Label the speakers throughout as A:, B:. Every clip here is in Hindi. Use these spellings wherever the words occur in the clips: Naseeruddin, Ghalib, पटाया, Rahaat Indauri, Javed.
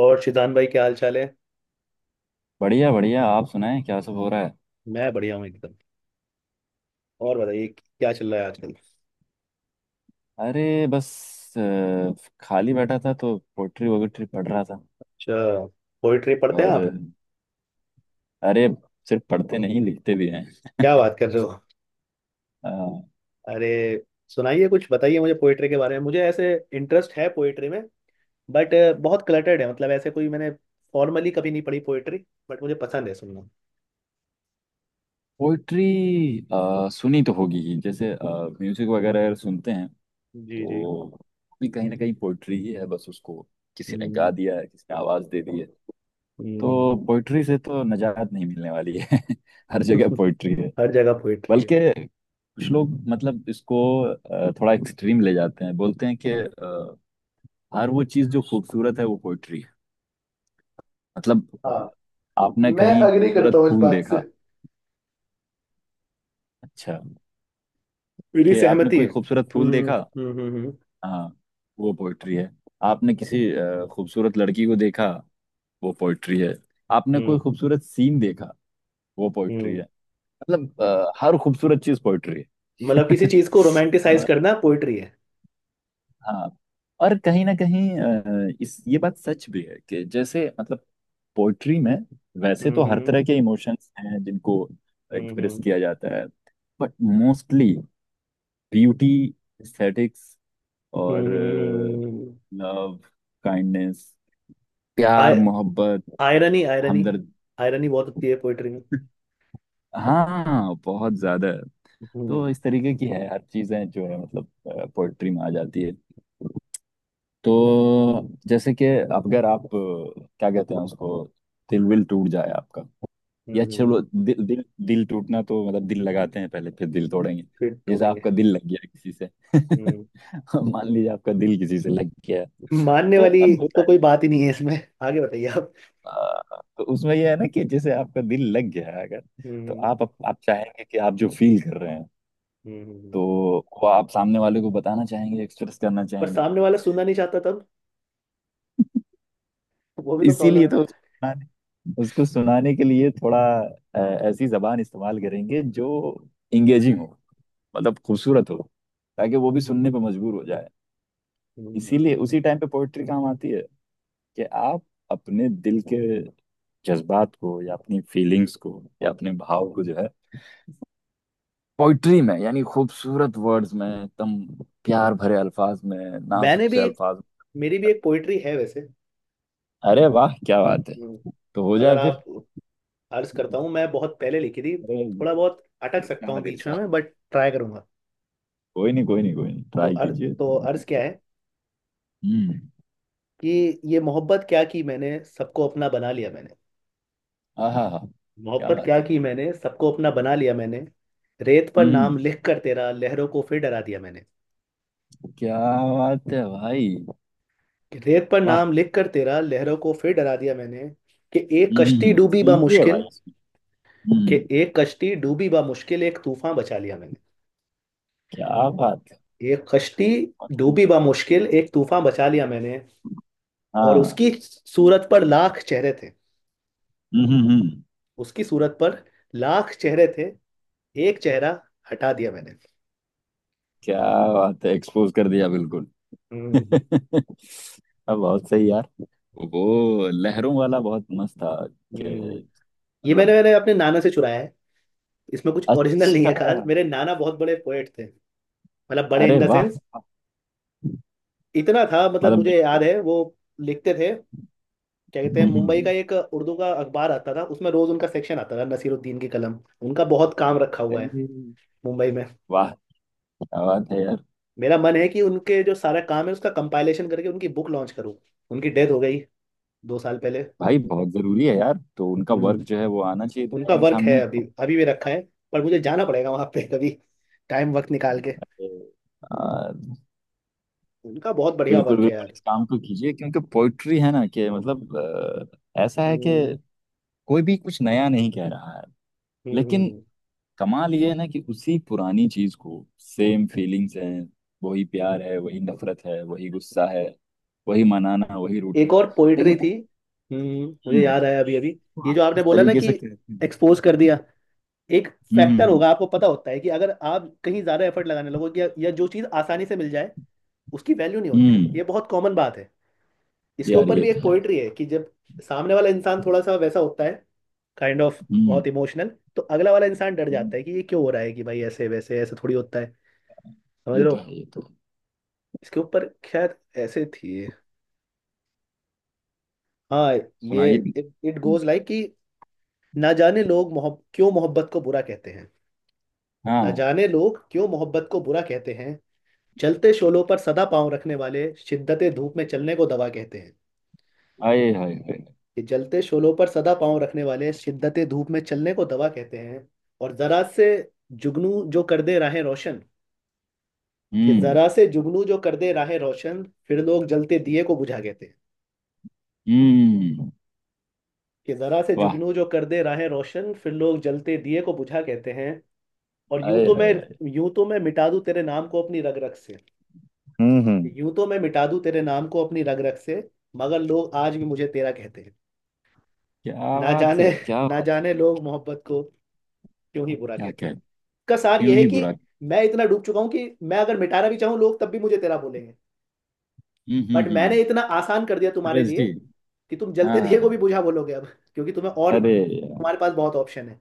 A: और शिजान भाई क्या हाल चाल है।
B: बढ़िया बढ़िया। आप सुनाएं क्या सब हो रहा है।
A: मैं बढ़िया हूँ एकदम। और बताइए क्या चल रहा है आजकल।
B: अरे बस अ, खाली बैठा था तो पोइट्री वोट्री पढ़ रहा था।
A: अच्छा, पोइट्री पढ़ते हैं
B: और अ,
A: आप?
B: अरे सिर्फ पढ़ते नहीं, लिखते भी हैं।
A: क्या बात कर रहे हो! अरे सुनाइए, कुछ बताइए मुझे पोइट्री के बारे में, मुझे ऐसे इंटरेस्ट है पोइट्री में। बट बहुत क्लटर्ड है, मतलब ऐसे कोई मैंने फॉर्मली कभी नहीं पढ़ी पोइट्री, बट मुझे पसंद है सुनना।
B: पोइट्री सुनी तो होगी ही, जैसे म्यूजिक वगैरह अगर सुनते हैं
A: जी जी।
B: तो भी कहीं ना कहीं पोइट्री ही है, बस उसको किसी ने गा
A: हम्म,
B: दिया है, किसी ने आवाज दे दी है। तो
A: हम्म।
B: पोइट्री से तो निजात नहीं मिलने वाली है। हर जगह पोइट्री है।
A: हर जगह पोइट्री है।
B: बल्कि कुछ लोग मतलब इसको थोड़ा एक्सट्रीम ले जाते हैं, बोलते हैं कि हर वो चीज जो खूबसूरत है वो पोइट्री है। मतलब
A: हाँ।
B: आपने
A: मैं
B: कहीं
A: अग्री करता
B: खूबसूरत
A: हूँ इस
B: फूल
A: बात से,
B: देखा। अच्छा
A: मेरी
B: कि आपने
A: सहमति है।
B: कोई खूबसूरत फूल देखा,
A: हम्म।
B: हाँ, वो पोइट्री है। आपने किसी खूबसूरत लड़की को देखा, वो पोइट्री है। आपने कोई
A: हम्म,
B: खूबसूरत सीन देखा, वो पोइट्री
A: हम्म।
B: है। मतलब हर खूबसूरत चीज पोइट्री
A: मतलब किसी
B: है।
A: चीज को रोमांटिसाइज
B: और
A: करना पोइट्री है।
B: हाँ, और कहीं ना कहीं अ, इस ये बात सच भी है कि जैसे मतलब पोइट्री में वैसे तो हर
A: हम्म
B: तरह के इमोशंस हैं जिनको एक्सप्रेस
A: हम्म
B: किया जाता है, बट मोस्टली ब्यूटी, एस्थेटिक्स, और
A: हम्म।
B: लव, काइंडनेस, प्यार मोहब्बत,
A: आयरनी, आयरनी,
B: हमदर्द।
A: आयरनी बहुत होती है पोइट्री में।
B: हाँ बहुत ज्यादा। तो
A: हम्म।
B: इस तरीके की है हर चीजें जो है मतलब पोइट्री में आ जाती है। तो जैसे कि अगर आप क्या कहते हैं उसको, दिल विल टूट जाए आपका, या
A: हम्म
B: चलो दिल दिल दिल टूटना तो मतलब दिल लगाते हैं पहले फिर दिल तोड़ेंगे।
A: फिर
B: जैसे
A: तोड़ेंगे।
B: आपका दिल लग गया किसी से।
A: हम्म
B: मान लीजिए आपका दिल किसी से लग गया,
A: मानने
B: तो
A: वाली,
B: अब होता
A: तो
B: है
A: कोई बात ही नहीं है इसमें। आगे बताइए आप।
B: आ, तो उसमें यह है ना कि जैसे आपका दिल लग गया है अगर, तो
A: हम्म
B: आप चाहेंगे कि आप जो फील कर रहे हैं,
A: हम्म।
B: तो वो आप सामने वाले को बताना चाहेंगे, एक्सप्रेस करना
A: पर
B: चाहेंगे।
A: सामने वाला सुनना नहीं चाहता तब, वो भी तो प्रॉब्लम
B: इसीलिए
A: है
B: तो
A: ना।
B: उसको सुनाने के लिए थोड़ा अ, ऐसी जबान इस्तेमाल करेंगे जो इंगेजिंग हो, मतलब खूबसूरत हो, ताकि वो भी सुनने पर मजबूर हो जाए।
A: हम्म,
B: इसीलिए उसी टाइम पे पोइट्री काम आती है कि आप अपने दिल के जज्बात को, या अपनी फीलिंग्स को, या अपने भाव को जो है पोइट्री में यानी खूबसूरत वर्ड्स में, एकदम प्यार भरे अल्फाज में,
A: मैंने
B: नाजुक
A: भी
B: से
A: एक,
B: अल्फाज में।
A: मेरी भी एक पोइट्री है वैसे।
B: अरे वाह, क्या बात है।
A: हम्म,
B: तो हो
A: अगर
B: जाए फिर।
A: आप, अर्ज करता हूँ, मैं बहुत पहले लिखी थी,
B: अरे,
A: थोड़ा बहुत अटक सकता हूँ
B: इरशाद
A: बीच में
B: इरशाद।
A: मैं, बट ट्राई करूंगा।
B: कोई नहीं कोई नहीं कोई नहीं,
A: तो
B: ट्राई
A: अर्ज तो
B: कीजिए।
A: अर्ज क्या है
B: हम्म।
A: कि, ये मोहब्बत क्या की मैंने, सबको अपना बना लिया मैंने।
B: आहा हा। क्या
A: मोहब्बत
B: बात
A: क्या
B: है।
A: की मैंने, सबको अपना बना लिया मैंने। रेत पर नाम
B: हम्म।
A: लिख कर तेरा, लहरों को फिर डरा दिया मैंने।
B: क्या बात है भाई।
A: कि रेत पर
B: वाह।
A: नाम लिख कर तेरा, लहरों को फिर डरा दिया मैंने। कि एक कश्ती
B: हम्म,
A: डूबी बा
B: सुनिए
A: मुश्किल,
B: भाई।
A: कि
B: हम्म।
A: एक कश्ती डूबी बा मुश्किल, एक तूफान बचा लिया मैंने।
B: क्या बात है।
A: एक कश्ती डूबी बा मुश्किल, एक तूफान बचा लिया मैंने। और
B: हाँ।
A: उसकी सूरत पर लाख चेहरे थे,
B: हम्म हम्म हम्म।
A: उसकी सूरत पर लाख चेहरे थे, एक चेहरा हटा दिया मैंने।
B: क्या बात है, एक्सपोज कर दिया बिल्कुल।
A: हम्म।
B: अब बहुत सही यार, वो लहरों वाला बहुत मस्त था। कि
A: हम्म, ये मैंने
B: मतलब।
A: मैंने अपने नाना से चुराया है। इसमें कुछ ओरिजिनल नहीं
B: अच्छा।
A: है खास, मेरे नाना बहुत बड़े पोएट थे। मतलब बड़े इन
B: अरे
A: द
B: वाह।
A: सेंस, इतना था मतलब
B: मतलब
A: मुझे याद
B: लिखते।
A: है वो लिखते थे। क्या कहते हैं, मुंबई
B: हम्म।
A: का एक उर्दू का अखबार आता था, उसमें रोज उनका सेक्शन आता था, नसीरुद्दीन की कलम। उनका बहुत काम रखा हुआ है
B: अरे
A: मुंबई में।
B: वाह, क्या बात है यार।
A: मेरा मन है कि उनके जो सारा काम है उसका कंपाइलेशन करके उनकी बुक लॉन्च करूँ। उनकी डेथ हो गई दो साल पहले।
B: भाई बहुत जरूरी है यार, तो उनका
A: हम्म।
B: वर्क जो है वो आना चाहिए
A: उनका
B: दुनिया के
A: वर्क है,
B: सामने।
A: अभी अभी भी रखा है। पर मुझे जाना पड़ेगा वहां पे कभी, टाइम वक्त निकाल के।
B: हम्म। आ,
A: उनका बहुत बढ़िया
B: बिल्कुल
A: वर्क है
B: बिल्कुल,
A: यार।
B: इस काम को कीजिए, क्योंकि पोइट्री है ना कि मतलब ऐसा है कि
A: हम्म
B: कोई भी कुछ नया नहीं कह रहा है।
A: हम्म हम्म,
B: लेकिन
A: हम्म।
B: कमाल ये है ना कि उसी पुरानी चीज को सेम फीलिंग्स हैं, वही प्यार है, वही नफरत है, वही गुस्सा है, वही मनाना वही
A: एक
B: रूठना है।
A: और पोइट्री
B: लेकिन।
A: थी। मुझे
B: हम्म।
A: याद आया अभी अभी।
B: तो
A: ये जो
B: आप
A: आपने
B: किस
A: बोला ना
B: तरीके
A: कि
B: से कहते हैं।
A: एक्सपोज कर दिया, एक फैक्टर
B: हम्म।
A: होगा, आपको पता होता है कि अगर आप कहीं ज्यादा एफर्ट लगाने लगोगे या जो चीज आसानी से मिल जाए उसकी वैल्यू नहीं होती,
B: हम्म।
A: ये बहुत कॉमन बात है। इसके
B: यार
A: ऊपर
B: ये
A: भी एक
B: तो है।
A: पोइट्री है कि जब सामने वाला इंसान थोड़ा सा वैसा होता है, काइंड ऑफ
B: हम्म
A: बहुत इमोशनल, तो अगला वाला इंसान डर
B: हम्म।
A: जाता है कि ये क्यों हो रहा है, कि भाई ऐसे वैसे ऐसे थोड़ी होता है, समझ
B: ये
A: लो।
B: तो है, ये तो है।
A: इसके ऊपर खैर, ऐसे थी। हाँ, ये
B: सुनाइए।
A: इट गोज लाइक कि, ना जाने लोग मोहब क्यों मोहब्बत को बुरा कहते हैं। ना
B: हाँ।
A: जाने लोग क्यों मोहब्बत को बुरा कहते हैं। जलते शोलों पर सदा पाँव रखने वाले, शिद्दत धूप में चलने को दवा कहते हैं।
B: आए हाय हाय।
A: कि जलते शोलों पर सदा पाँव रखने वाले, शिद्दत धूप में चलने को दवा कहते हैं। और जरा से जुगनू जो कर दे राहें रोशन, कि
B: हम्म।
A: जरा से जुगनू जो कर दे राहें रोशन, फिर लोग जलते दिए को बुझा कहते हैं।
B: हम्म।
A: कि जरा से
B: वाह।
A: जुगनू जो कर दे राहें रोशन, फिर लोग जलते दिए को बुझा कहते हैं। और यूं
B: आए
A: तो
B: हाय
A: मैं,
B: हाय।
A: यूं तो मैं मिटा दूं तेरे नाम को अपनी रग रग से,
B: हम्म।
A: यूं तो मैं मिटा दूं तेरे नाम को अपनी रग रग से, मगर लोग आज भी मुझे तेरा कहते हैं।
B: क्या
A: ना
B: बात
A: जाने,
B: है, क्या
A: ना
B: बात है।
A: जाने लोग मोहब्बत को क्यों ही बुरा
B: क्या
A: कहते
B: क्या,
A: हैं। इसका सार
B: क्यों
A: यह है
B: ही
A: कि
B: बुरा।
A: मैं इतना डूब चुका हूं कि मैं अगर मिटाना भी चाहूं लोग तब भी मुझे तेरा बोलेंगे। बट
B: हम्म।
A: मैंने इतना आसान कर दिया तुम्हारे
B: रस
A: लिए
B: जी।
A: कि तुम
B: हाँ
A: जलते
B: हाँ
A: दिए को
B: हाँ।
A: भी बुझा बोलोगे अब, क्योंकि तुम्हें और
B: अरे यार।
A: तुम्हारे पास बहुत ऑप्शन है।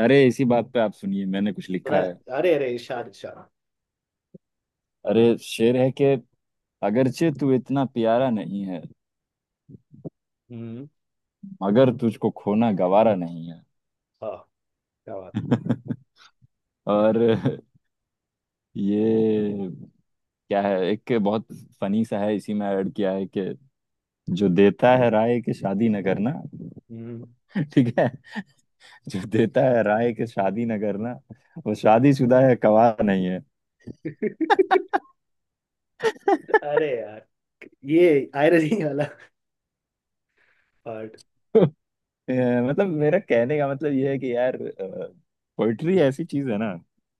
B: अरे इसी बात पे आप सुनिए, मैंने कुछ लिखा
A: सुना।
B: है।
A: अरे अरे इरशाद इरशाद।
B: अरे शेर है कि अगरचे तू इतना प्यारा नहीं है,
A: हम्म।
B: मगर तुझको खोना गवारा नहीं है।
A: हाँ, क्या बात है।
B: और ये क्या है, एक बहुत फनी सा है, इसी में ऐड किया है कि जो देता है राय के शादी न करना।
A: हम्म।
B: ठीक है, जो देता है राय के शादी न करना, वो शादीशुदा है गवाह नहीं है।
A: अरे यार, ये आयरनी वाला पार्ट,
B: अ, मतलब मेरा कहने का मतलब ये है कि यार पोइट्री ऐसी चीज है ना,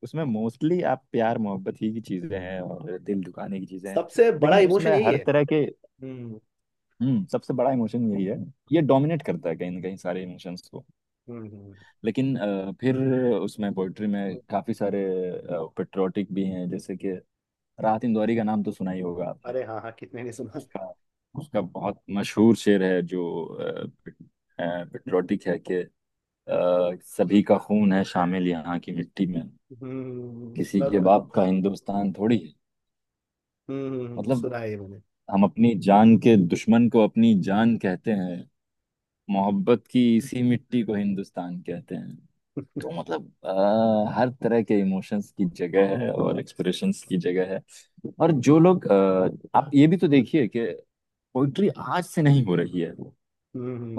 B: उसमें मोस्टली आप प्यार मोहब्बत ही की चीजें हैं और दिल दुखाने की चीजें हैं।
A: सबसे बड़ा
B: लेकिन
A: इमोशन
B: उसमें
A: यही
B: हर
A: है।
B: तरह के।
A: हम्म
B: हम्म, सबसे बड़ा इमोशन यही है, ये डोमिनेट करता है कहीं ना कहीं सारे इमोशंस को।
A: हम्म
B: लेकिन फिर उसमें पोइट्री में
A: हम्म।
B: काफी सारे पेट्रोटिक भी हैं, जैसे कि राहत इंदौरी का नाम तो सुना ही होगा आपने।
A: अरे हाँ हाँ, कितने ने सुना।
B: उसका उसका बहुत मशहूर शेर है जो पेट्रोटिक है कि सभी का खून है शामिल यहाँ की मिट्टी में,
A: हम्म,
B: किसी
A: सुना
B: के
A: सुना।
B: बाप का हिंदुस्तान थोड़ी है। मतलब
A: सुना है ये मैंने।
B: हम अपनी जान के दुश्मन को अपनी जान कहते हैं, मोहब्बत की इसी मिट्टी को हिंदुस्तान कहते हैं। तो मतलब हर तरह के इमोशंस की जगह है और एक्सप्रेशंस की जगह है। और जो लोग आप ये भी तो देखिए कि पोइट्री आज से नहीं हो रही है वो,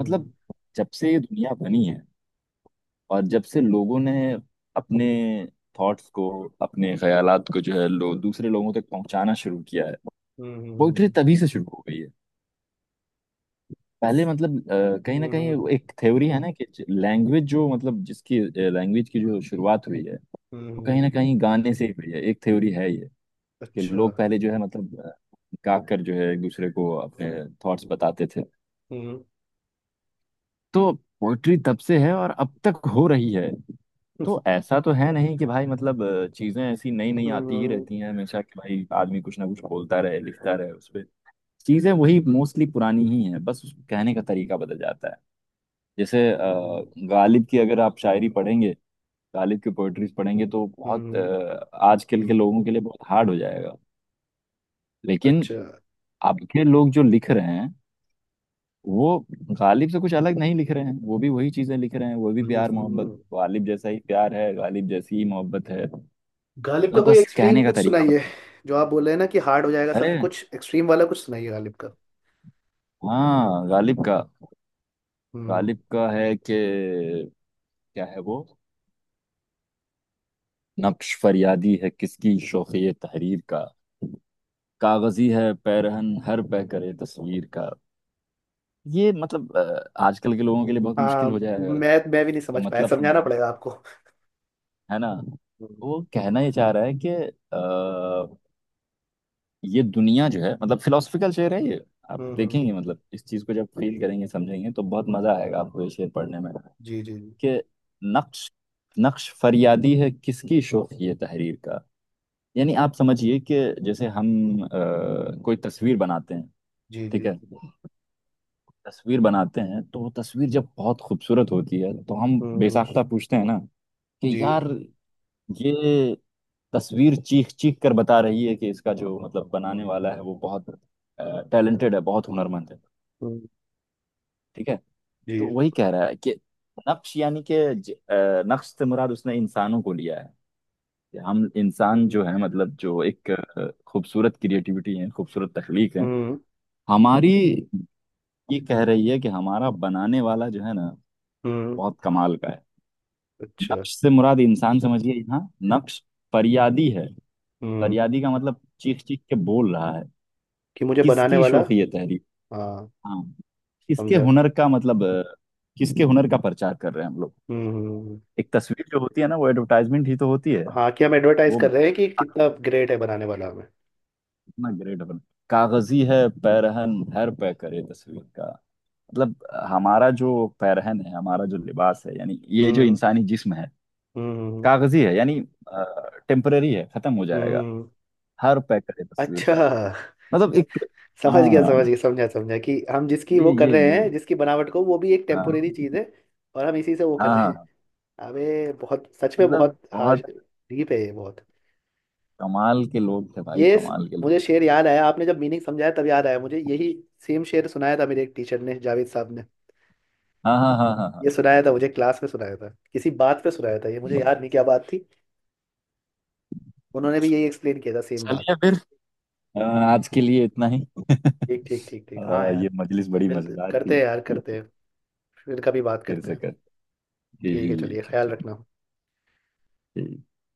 B: मतलब जब से ये दुनिया बनी है और जब से लोगों ने अपने थॉट्स को, अपने ख्यालात को जो है लो दूसरे लोगों तक पहुंचाना शुरू किया है,
A: हम्म
B: पोइट्री
A: हम्म
B: तभी से शुरू हो गई है। पहले मतलब कहीं ना
A: हम्म।
B: कहीं वो एक थ्योरी है ना कि लैंग्वेज की जो शुरुआत हुई है, वो कहीं
A: हम्म,
B: ना कहीं गाने से ही हुई है, एक थ्योरी है ये कि
A: अच्छा।
B: लोग पहले जो है मतलब गाकर जो है एक दूसरे को अपने थॉट्स बताते थे।
A: हम्म
B: तो पोइट्री तब से है और अब तक हो रही है। तो ऐसा तो है नहीं कि भाई मतलब चीजें ऐसी नई नई आती ही
A: हम्म।
B: रहती हैं हमेशा कि भाई आदमी कुछ ना कुछ बोलता रहे लिखता रहे उस पे। चीजें वही
A: ठीक।
B: मोस्टली पुरानी ही हैं, बस उसको कहने का तरीका बदल जाता है। जैसे
A: हम्म
B: गालिब की अगर आप शायरी पढ़ेंगे, गालिब की पोइट्रीज पढ़ेंगे तो बहुत
A: हम्म,
B: आजकल के लोगों के लिए बहुत हार्ड हो जाएगा। लेकिन
A: अच्छा।
B: अब के लोग जो लिख रहे हैं वो गालिब से कुछ अलग नहीं लिख रहे हैं, वो भी वही चीजें लिख रहे हैं, वो भी प्यार मोहब्बत,
A: हम्म।
B: गालिब जैसा ही प्यार है, गालिब जैसी ही मोहब्बत है।
A: गालिब का
B: मतलब
A: कोई
B: बस
A: एक्सट्रीम
B: कहने का
A: कुछ
B: तरीका
A: सुनाइए।
B: बदल-।
A: जो आप बोल रहे हैं ना कि हार्ड हो जाएगा सब
B: अरे
A: कुछ, एक्सट्रीम वाला कुछ सुनाइए गालिब का।
B: हाँ गालिब का,
A: हम्म।
B: गालिब का है कि क्या है वो, नक्श फरियादी है किसकी शोखी तहरीर का, कागजी है पैरहन हर पह करे तस्वीर का। ये मतलब आजकल के लोगों के लिए बहुत
A: हाँ,
B: मुश्किल हो जाएगा।
A: मैं भी नहीं
B: का
A: समझ पाया,
B: मतलब
A: समझाना
B: समझाना
A: पड़ेगा आपको।
B: है ना,
A: हम्म
B: वो कहना ये चाह रहा है कि ये दुनिया जो है मतलब फिलोसफिकल शेर है ये, आप
A: हम्म।
B: देखेंगे मतलब इस चीज को जब फील करेंगे समझेंगे तो बहुत मजा आएगा आपको ये शेर पढ़ने में।
A: जी जी जी।
B: कि नक्श नक्श फरियादी है किसकी शोख ये तहरीर का, यानी आप समझिए कि
A: हम्म,
B: जैसे हम अ, कोई तस्वीर बनाते हैं,
A: जी
B: ठीक
A: जी।
B: है, तस्वीर बनाते हैं तो वो तस्वीर जब बहुत खूबसूरत होती है तो हम
A: हम्म।
B: बेसाख्ता पूछते हैं ना कि
A: जी।
B: यार ये तस्वीर चीख चीख कर बता रही है कि इसका जो मतलब बनाने वाला है वो बहुत टैलेंटेड है, बहुत हुनरमंद है।
A: हम्म।
B: ठीक है। तो
A: जी।
B: वही कह रहा है कि नक्श यानी कि नक्श से मुराद उसने इंसानों को लिया है कि हम इंसान
A: हम्म
B: जो है मतलब जो एक खूबसूरत क्रिएटिविटी है, खूबसूरत तख्लीक है
A: हम्म
B: हमारी, ये कह रही है कि हमारा बनाने वाला जो है ना
A: हम्म,
B: बहुत कमाल का है।
A: अच्छा।
B: नक्श से मुराद इंसान समझिए यहाँ। नक्श फरियादी है,
A: हम्म,
B: फरियादी का मतलब चीख चीख के बोल रहा है।
A: कि मुझे बनाने
B: किसकी
A: वाला।
B: शोख ये तहरीर।
A: हाँ।
B: हाँ, किसके
A: समझा।
B: हुनर का, मतलब किसके हुनर का प्रचार कर रहे हैं हम लोग।
A: हम्म।
B: एक तस्वीर जो होती है ना वो एडवर्टाइजमेंट ही तो होती है।
A: हाँ, कि हम एडवर्टाइज
B: वो
A: कर रहे हैं कि कितना ग्रेट है बनाने वाला हमें।
B: इतना ग्रेट अपन। कागजी है पैरहन हर पे करे तस्वीर का, मतलब हमारा जो पैरहन है, हमारा जो लिबास है, यानी ये जो
A: हम्म
B: इंसानी जिस्म है,
A: हम्म।
B: कागजी है, यानी टेम्पररी है, खत्म हो जाएगा।
A: हम्म।
B: हर पे करे तस्वीर
A: अच्छा।
B: का, मतलब एक।
A: समझ गया
B: हाँ,
A: समझ गया, समझा समझा, कि हम जिसकी वो कर
B: ये
A: रहे हैं,
B: ये
A: जिसकी बनावट को, वो भी एक टेम्पोरेरी
B: हाँ,
A: चीज़ है। और हम इसी से वो कर
B: हाँ
A: रहे हैं।
B: हाँ हाँ।
A: अबे बहुत, सच में
B: मतलब
A: बहुत हार्श,
B: बहुत
A: डीप है ये बहुत।
B: कमाल के लोग थे भाई,
A: ये स-,
B: कमाल के
A: मुझे
B: लोग थे।
A: शेर याद आया, आपने जब मीनिंग समझाया तब याद आया मुझे यही सेम शेर, सुनाया था मेरे एक टीचर ने, जावेद साहब ने।
B: हाँ हाँ हाँ हाँ हाँ।
A: ये सुनाया था मुझे क्लास में, सुनाया था किसी बात पे, सुनाया था, ये मुझे याद नहीं क्या बात थी। उन्होंने भी यही एक्सप्लेन किया था सेम बात।
B: चलिए फिर, अ, आज के लिए इतना ही।
A: ठीक ठीक ठीक ठीक, हाँ यार।
B: ये मजलिस बड़ी
A: मिलते
B: मजेदार
A: करते
B: थी।
A: हैं यार, करते हैं, फिर कभी बात
B: फिर
A: करते
B: से
A: हैं।
B: कर।
A: ठीक है, चलिए,
B: ठीक है,
A: ख्याल
B: ठीक
A: रखना।
B: ठीक।